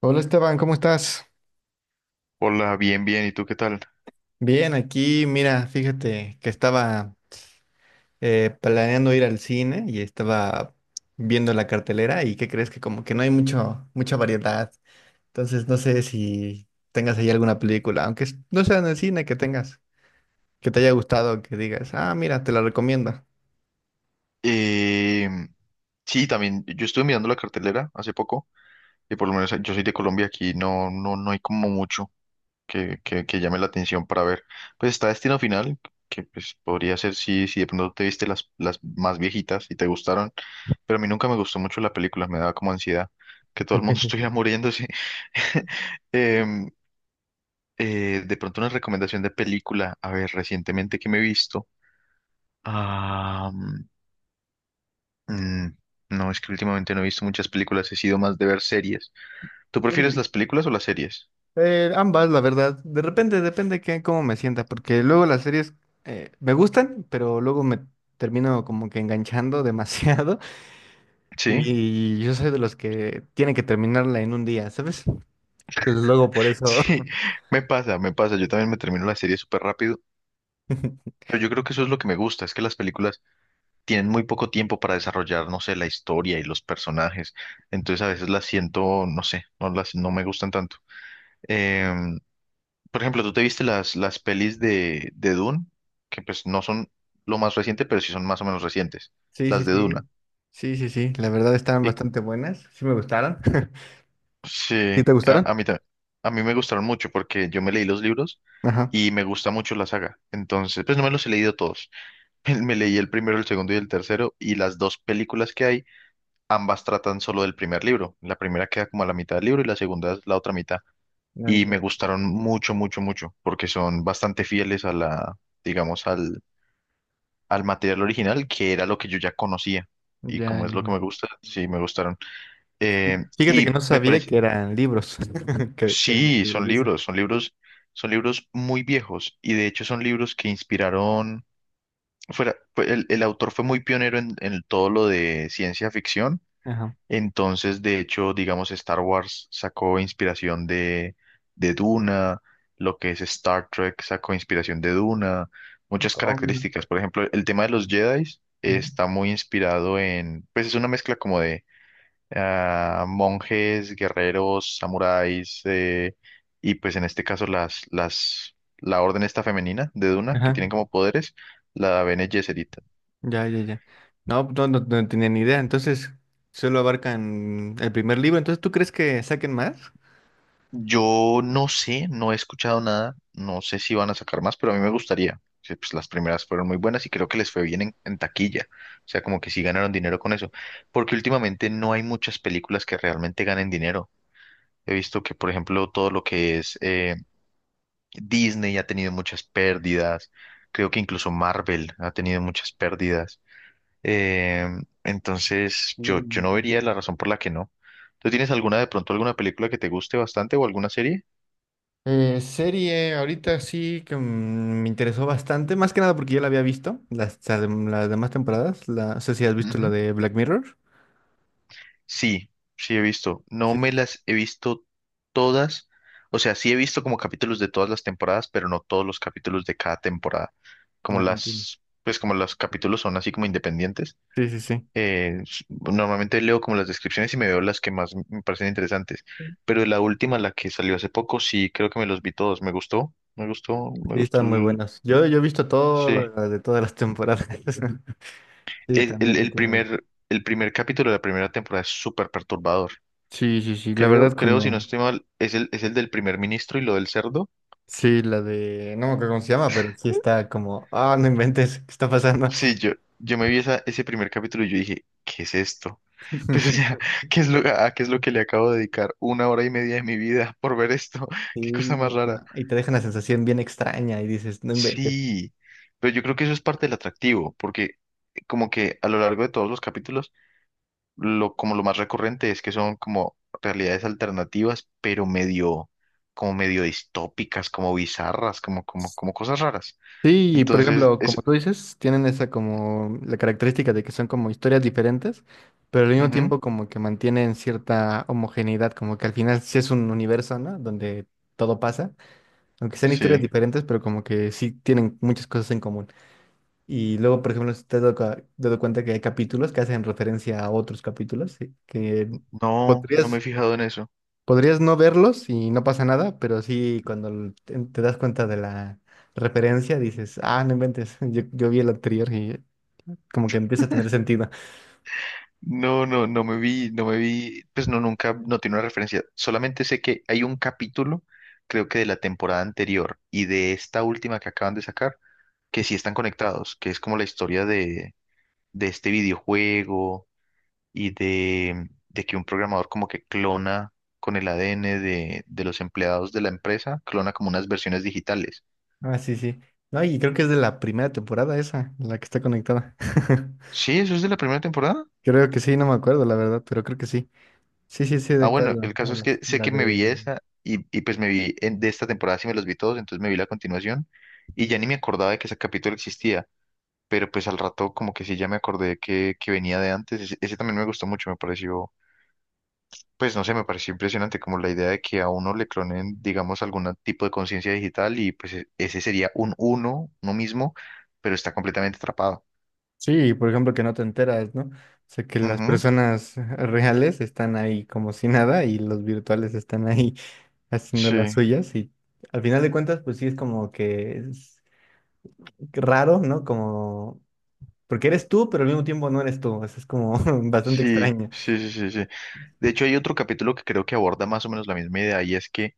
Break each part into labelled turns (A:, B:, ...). A: Hola Esteban, ¿cómo estás?
B: Hola, bien, bien. ¿Y tú qué tal?
A: Bien, aquí, mira, fíjate que estaba planeando ir al cine y estaba viendo la cartelera y ¿qué crees? Que como que no hay mucha variedad. Entonces no sé si tengas ahí alguna película, aunque no sea en el cine que tengas, que te haya gustado, que digas, ah, mira, te la recomiendo.
B: Eh, sí, también yo estuve mirando la cartelera hace poco y por lo menos yo soy de Colombia, aquí no hay como mucho que llame la atención para ver. Pues está Destino Final, que pues podría ser si de pronto te viste las más viejitas y te gustaron, pero a mí nunca me gustó mucho la película, me daba como ansiedad que todo el mundo estuviera muriéndose. Em, de pronto una recomendación de película, a ver, recientemente que me he visto. Ah, mm, no, es que últimamente no he visto muchas películas, he sido más de ver series. ¿Tú prefieres
A: Sí,
B: las películas o las series?
A: ambas, la verdad. De repente depende que cómo me sienta, porque luego las series me gustan, pero luego me termino como que enganchando demasiado.
B: Sí.
A: Y yo soy de los que tienen que terminarla en un día, ¿sabes? Entonces luego por eso.
B: Sí, me pasa. Yo también me termino la serie súper rápido, pero yo creo que eso es lo que me gusta, es que las películas tienen muy poco tiempo para desarrollar, no sé, la historia y los personajes. Entonces a veces las siento, no sé, no me gustan tanto. Em, por ejemplo, ¿tú te viste las pelis de Dune? Que pues no son lo más reciente, pero sí son más o menos recientes,
A: Sí, sí,
B: las de Duna.
A: sí. Sí, sí, sí. La verdad estaban bastante buenas. Sí me gustaron.
B: Sí,
A: ¿Sí te
B: a,
A: gustaron?
B: a mí, ta- a mí me gustaron mucho porque yo me leí los libros
A: Ajá.
B: y me gusta mucho la saga. Entonces, pues no me los he leído todos. Me leí el primero, el segundo y el tercero y las dos películas que hay, ambas tratan solo del primer libro. La primera queda como a la mitad del libro y la segunda es la otra mitad.
A: No
B: Y me
A: entiendo.
B: gustaron mucho, mucho, mucho porque son bastante fieles a la, digamos, al, al material original que era lo que yo ya conocía.
A: Ya,
B: Y
A: ya,
B: como es lo que
A: ya.
B: me gusta, sí, me gustaron.
A: Y
B: Eh,
A: fíjate que
B: y
A: no
B: me
A: sabía
B: parece...
A: que eran libros. Que eran
B: Sí,
A: libros de eso.
B: son libros muy viejos y de hecho son libros que inspiraron, el autor fue muy pionero en todo lo de ciencia ficción,
A: Ajá.
B: entonces de hecho, digamos, Star Wars sacó inspiración de Duna, lo que es Star Trek sacó inspiración de Duna, muchas
A: Oh, mira.
B: características, por ejemplo, el tema de los Jedi
A: Ujú.
B: está muy inspirado en, pues es una mezcla como de ah, monjes, guerreros, samuráis, y pues en este caso la orden esta femenina de Duna, que
A: Ajá.
B: tienen como poderes, la Bene Gesserit.
A: Ya, ya, ya. No, no, no, no tenía ni idea. Entonces, solo abarcan el primer libro. Entonces, ¿tú crees que saquen más?
B: Yo no sé, no he escuchado nada, no sé si van a sacar más, pero a mí me gustaría. Sí. Pues las primeras fueron muy buenas y creo que les fue bien en taquilla. O sea, como que sí ganaron dinero con eso. Porque últimamente no hay muchas películas que realmente ganen dinero. He visto que, por ejemplo, todo lo que es Disney ha tenido muchas pérdidas, creo que incluso Marvel ha tenido muchas pérdidas. Eh, entonces,
A: Sí, un
B: yo no
A: montón.
B: vería la razón por la que no. ¿Tú tienes alguna de pronto, alguna película que te guste bastante o alguna serie?
A: Serie, ahorita sí que mm, me interesó bastante, más que nada porque ya la había visto, las demás temporadas, la, no sé si has visto la
B: Ujú.
A: de Black Mirror.
B: Sí, sí he visto. No
A: Sí, sí,
B: me
A: sí.
B: las he visto todas. O sea, sí he visto como capítulos de todas las temporadas, pero no todos los capítulos de cada temporada. Como
A: Ah, entiendo.
B: las, pues como los capítulos son así como independientes,
A: Sí, sí, sí.
B: Normalmente leo como las descripciones y me veo las que más me parecen interesantes, pero la última, la que salió hace poco, sí creo que me los vi todos, me
A: Sí,
B: gustó,
A: están muy
B: el-
A: buenas. Yo he visto
B: sí.
A: todas las de todas las temporadas. Sí, también me tiene.
B: El primer capítulo de la primera temporada es súper perturbador.
A: Sí, sí, sí. La verdad,
B: Creo, si no
A: cuando.
B: estoy mal, es el del primer ministro y lo del cerdo.
A: Sí, la de. No me acuerdo cómo se llama, pero sí está como. Ah, no inventes, ¿qué está pasando?
B: Sí, yo me vi esa, ese primer capítulo y yo dije, ¿qué es esto? Pues, o sea, ¿qué es a qué es lo que le acabo de dedicar una hora y media de mi vida por ver esto? Qué cosa más
A: Sí,
B: rara.
A: no, y te deja una sensación bien extraña y dices, no inventes.
B: Sí, pero yo creo que eso es parte del atractivo, porque como que a lo largo de todos los capítulos, como lo más recurrente es que son como realidades alternativas, pero como medio distópicas, como bizarras, como cosas raras.
A: Sí, y por
B: Entonces,
A: ejemplo, como
B: es,
A: tú dices, tienen esa como la característica de que son como historias diferentes, pero al mismo
B: ujú,
A: tiempo como que mantienen cierta homogeneidad, como que al final sí es un universo, ¿no? Donde todo pasa, aunque sean historias
B: sí,
A: diferentes, pero como que sí tienen muchas cosas en común. Y luego, por ejemplo, si te has dado cuenta que hay capítulos que hacen referencia a otros capítulos, sí, que
B: no, no me he
A: podrías.
B: fijado en eso.
A: Podrías no verlos y no pasa nada, pero sí cuando te das cuenta de la referencia dices, ah, no inventes, yo vi el anterior y como que empieza a tener sentido.
B: No me vi, pues no, nunca, no tiene una referencia. Solamente sé que hay un capítulo, creo que de la temporada anterior y de esta última que acaban de sacar que sí están conectados, que es como la historia de este videojuego y de que un programador como que clona con el ADN de los empleados de la empresa, clona como unas versiones digitales.
A: Ah, sí, sí. No, y creo que es de la primera temporada esa, la que está conectada.
B: Sí, eso es de la primera temporada.
A: Creo que sí, no me acuerdo la verdad, pero creo que sí. Sí, sí, sí,
B: Ah,
A: ¿de cuál
B: bueno, el caso es que
A: hablas?
B: sé
A: La
B: que me
A: de...
B: vi esa y pues me vi en- de esta temporada, sí me los vi todos, entonces me vi la continuación y ya ni me acordaba de que ese capítulo existía, pero pues al rato como que sí ya me acordé que venía de antes, ese también me gustó mucho, me pareció. Pues no sé, me pareció impresionante como la idea de que a uno le clonen, digamos, algún tipo de conciencia digital y pues ese sería un uno mismo, pero está completamente atrapado.
A: Sí, por ejemplo, que no te enteras, ¿no? O sea, que las
B: Ujú.
A: personas reales están ahí como si nada y los virtuales están ahí haciendo
B: Sí,
A: las suyas y al final de cuentas, pues sí es como que es raro, ¿no? Como, porque eres tú, pero al mismo tiempo no eres tú, eso es como bastante
B: sí,
A: extraño.
B: sí, sí, sí, sí. De hecho, hay otro capítulo que creo que aborda más o menos la misma idea y es que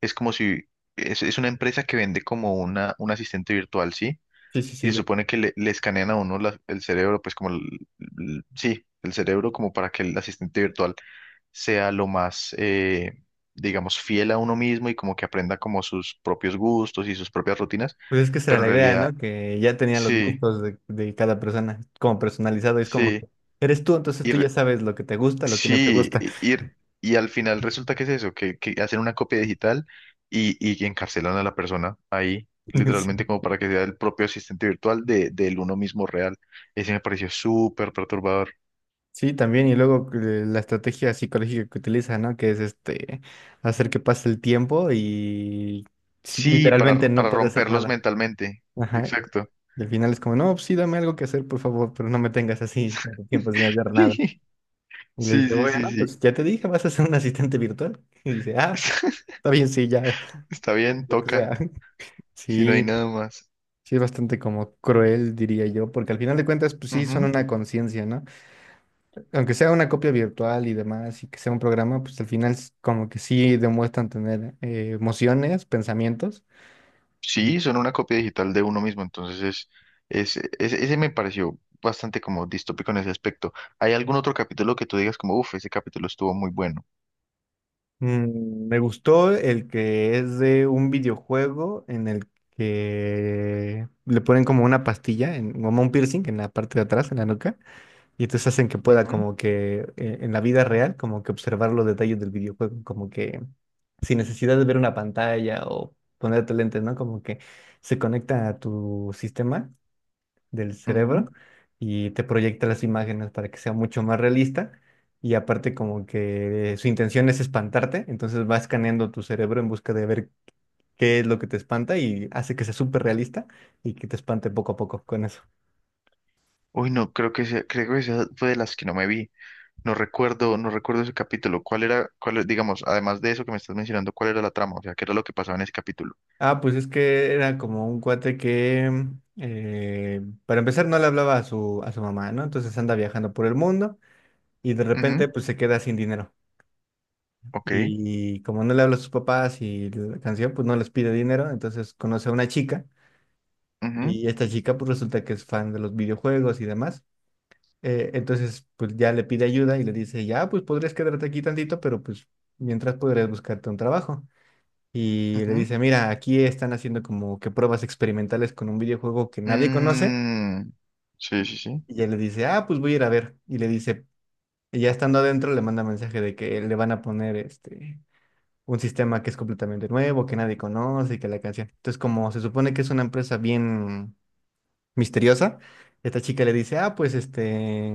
B: es como si es una empresa que vende como una, un asistente virtual, ¿sí?
A: Sí, sí,
B: Y se
A: sí, ya.
B: supone que le escanean a uno el cerebro, pues como, sí, el cerebro como para que el asistente virtual sea lo más, digamos, fiel a uno mismo y como que aprenda como sus propios gustos y sus propias rutinas,
A: Pues es que esa era
B: pero en
A: la idea,
B: realidad
A: ¿no? Que ya tenía los
B: sí,
A: gustos de cada persona, como personalizado, es como
B: sí,
A: que eres tú, entonces
B: y
A: tú
B: re-
A: ya sabes lo que te gusta, lo que no te
B: sí,
A: gusta.
B: y al final resulta que es eso, que hacen una copia digital y encarcelan a la persona ahí.
A: Sí,
B: Literalmente como para que sea el propio asistente virtual del uno mismo real. Ese me pareció súper perturbador.
A: sí, también, y luego la estrategia psicológica que utiliza, ¿no? Que es este, hacer que pase el tiempo y sí,
B: Sí,
A: literalmente no
B: para
A: puede hacer
B: romperlos
A: nada.
B: mentalmente.
A: Ajá,
B: Exacto.
A: y al final es como, no, pues sí, dame algo que hacer, por favor, pero no me tengas así tanto tiempo sin hacer nada. Y le
B: Sí,
A: dice,
B: sí,
A: bueno,
B: sí, sí.
A: pues ya te dije, vas a ser un asistente virtual. Y dice, ah, está bien, sí, ya,
B: Está bien,
A: lo que
B: toca,
A: sea.
B: si no hay
A: Sí,
B: nada más.
A: sí es bastante como cruel, diría yo, porque al final de cuentas, pues sí, son
B: Ujú.
A: una conciencia, ¿no? Aunque sea una copia virtual y demás, y que sea un programa, pues al final como que sí demuestran tener emociones, pensamientos.
B: Sí, son una copia digital de uno mismo, entonces es, ese me pareció bastante como distópico en ese aspecto. ¿Hay algún otro capítulo que tú digas como, uff, ese capítulo estuvo muy bueno?
A: Mm, me gustó el que es de un videojuego en el que le ponen como una pastilla, en, como un piercing en la parte de atrás, en la nuca, y entonces hacen que pueda
B: Ujú,
A: como que en la vida real, como que observar los detalles del videojuego, como que sin necesidad de ver una pantalla o ponerte lentes, ¿no? Como que se conecta a tu sistema del
B: ujú.
A: cerebro y te proyecta las imágenes para que sea mucho más realista. Y aparte como que su intención es espantarte, entonces va escaneando tu cerebro en busca de ver qué es lo que te espanta y hace que sea súper realista y que te espante poco a poco con eso.
B: Uy, no, creo que creo que esa fue de las que no me vi. No recuerdo ese capítulo. ¿Cuál era, digamos, además de eso que me estás mencionando, cuál era la trama? O sea, ¿qué era lo que pasaba en ese capítulo?
A: Ah, pues es que era como un cuate que, mm, para empezar, no le hablaba a su mamá, ¿no? Entonces anda viajando por el mundo y de
B: Ujú,
A: repente pues se queda sin dinero.
B: ok,
A: Y como no le habla a sus papás y la canción, pues no les pide dinero, entonces conoce a una chica.
B: ujú,
A: Y esta chica pues resulta que es fan de los videojuegos y demás. Entonces pues ya le pide ayuda y le dice, ya pues podrías quedarte aquí tantito, pero pues mientras podrías buscarte un trabajo. Y le
B: ujú.
A: dice, mira, aquí están haciendo como que pruebas experimentales con un videojuego que nadie conoce.
B: Mm, sí, sí, sí.
A: Y ella le dice, ah, pues voy a ir a ver. Y le dice, y ya estando adentro le manda mensaje de que le van a poner este un sistema que es completamente nuevo, que nadie conoce y que la canción. Entonces como se supone que es una empresa bien misteriosa, esta chica le dice, ah, pues este,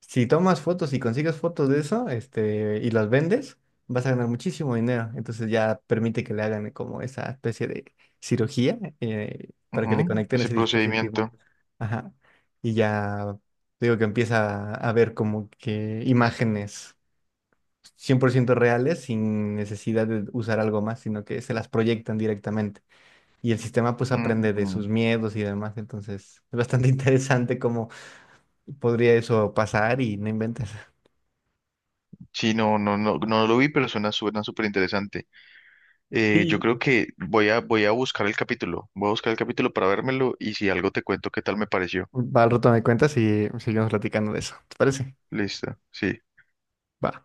A: si tomas fotos y consigues fotos de eso, este, y las vendes, vas a ganar muchísimo dinero. Entonces ya permite que le hagan como esa especie de cirugía para que
B: Ujú.
A: le conecten
B: Ese
A: ese
B: procedimiento.
A: dispositivo. Ajá. Y ya digo que empieza a ver como que imágenes 100% reales sin necesidad de usar algo más, sino que se las proyectan directamente. Y el sistema pues aprende de
B: Mm,
A: sus miedos y demás, entonces es bastante interesante cómo podría eso pasar y no inventas.
B: sí, no, no, no, no lo vi, pero suena, suena súper interesante. Yo
A: Sí.
B: creo que voy a buscar el capítulo. Voy a buscar el capítulo para vérmelo y si algo te cuento qué tal me pareció.
A: Va, al rato me cuentas y seguimos platicando de eso. ¿Te parece?
B: Listo, sí.
A: Va.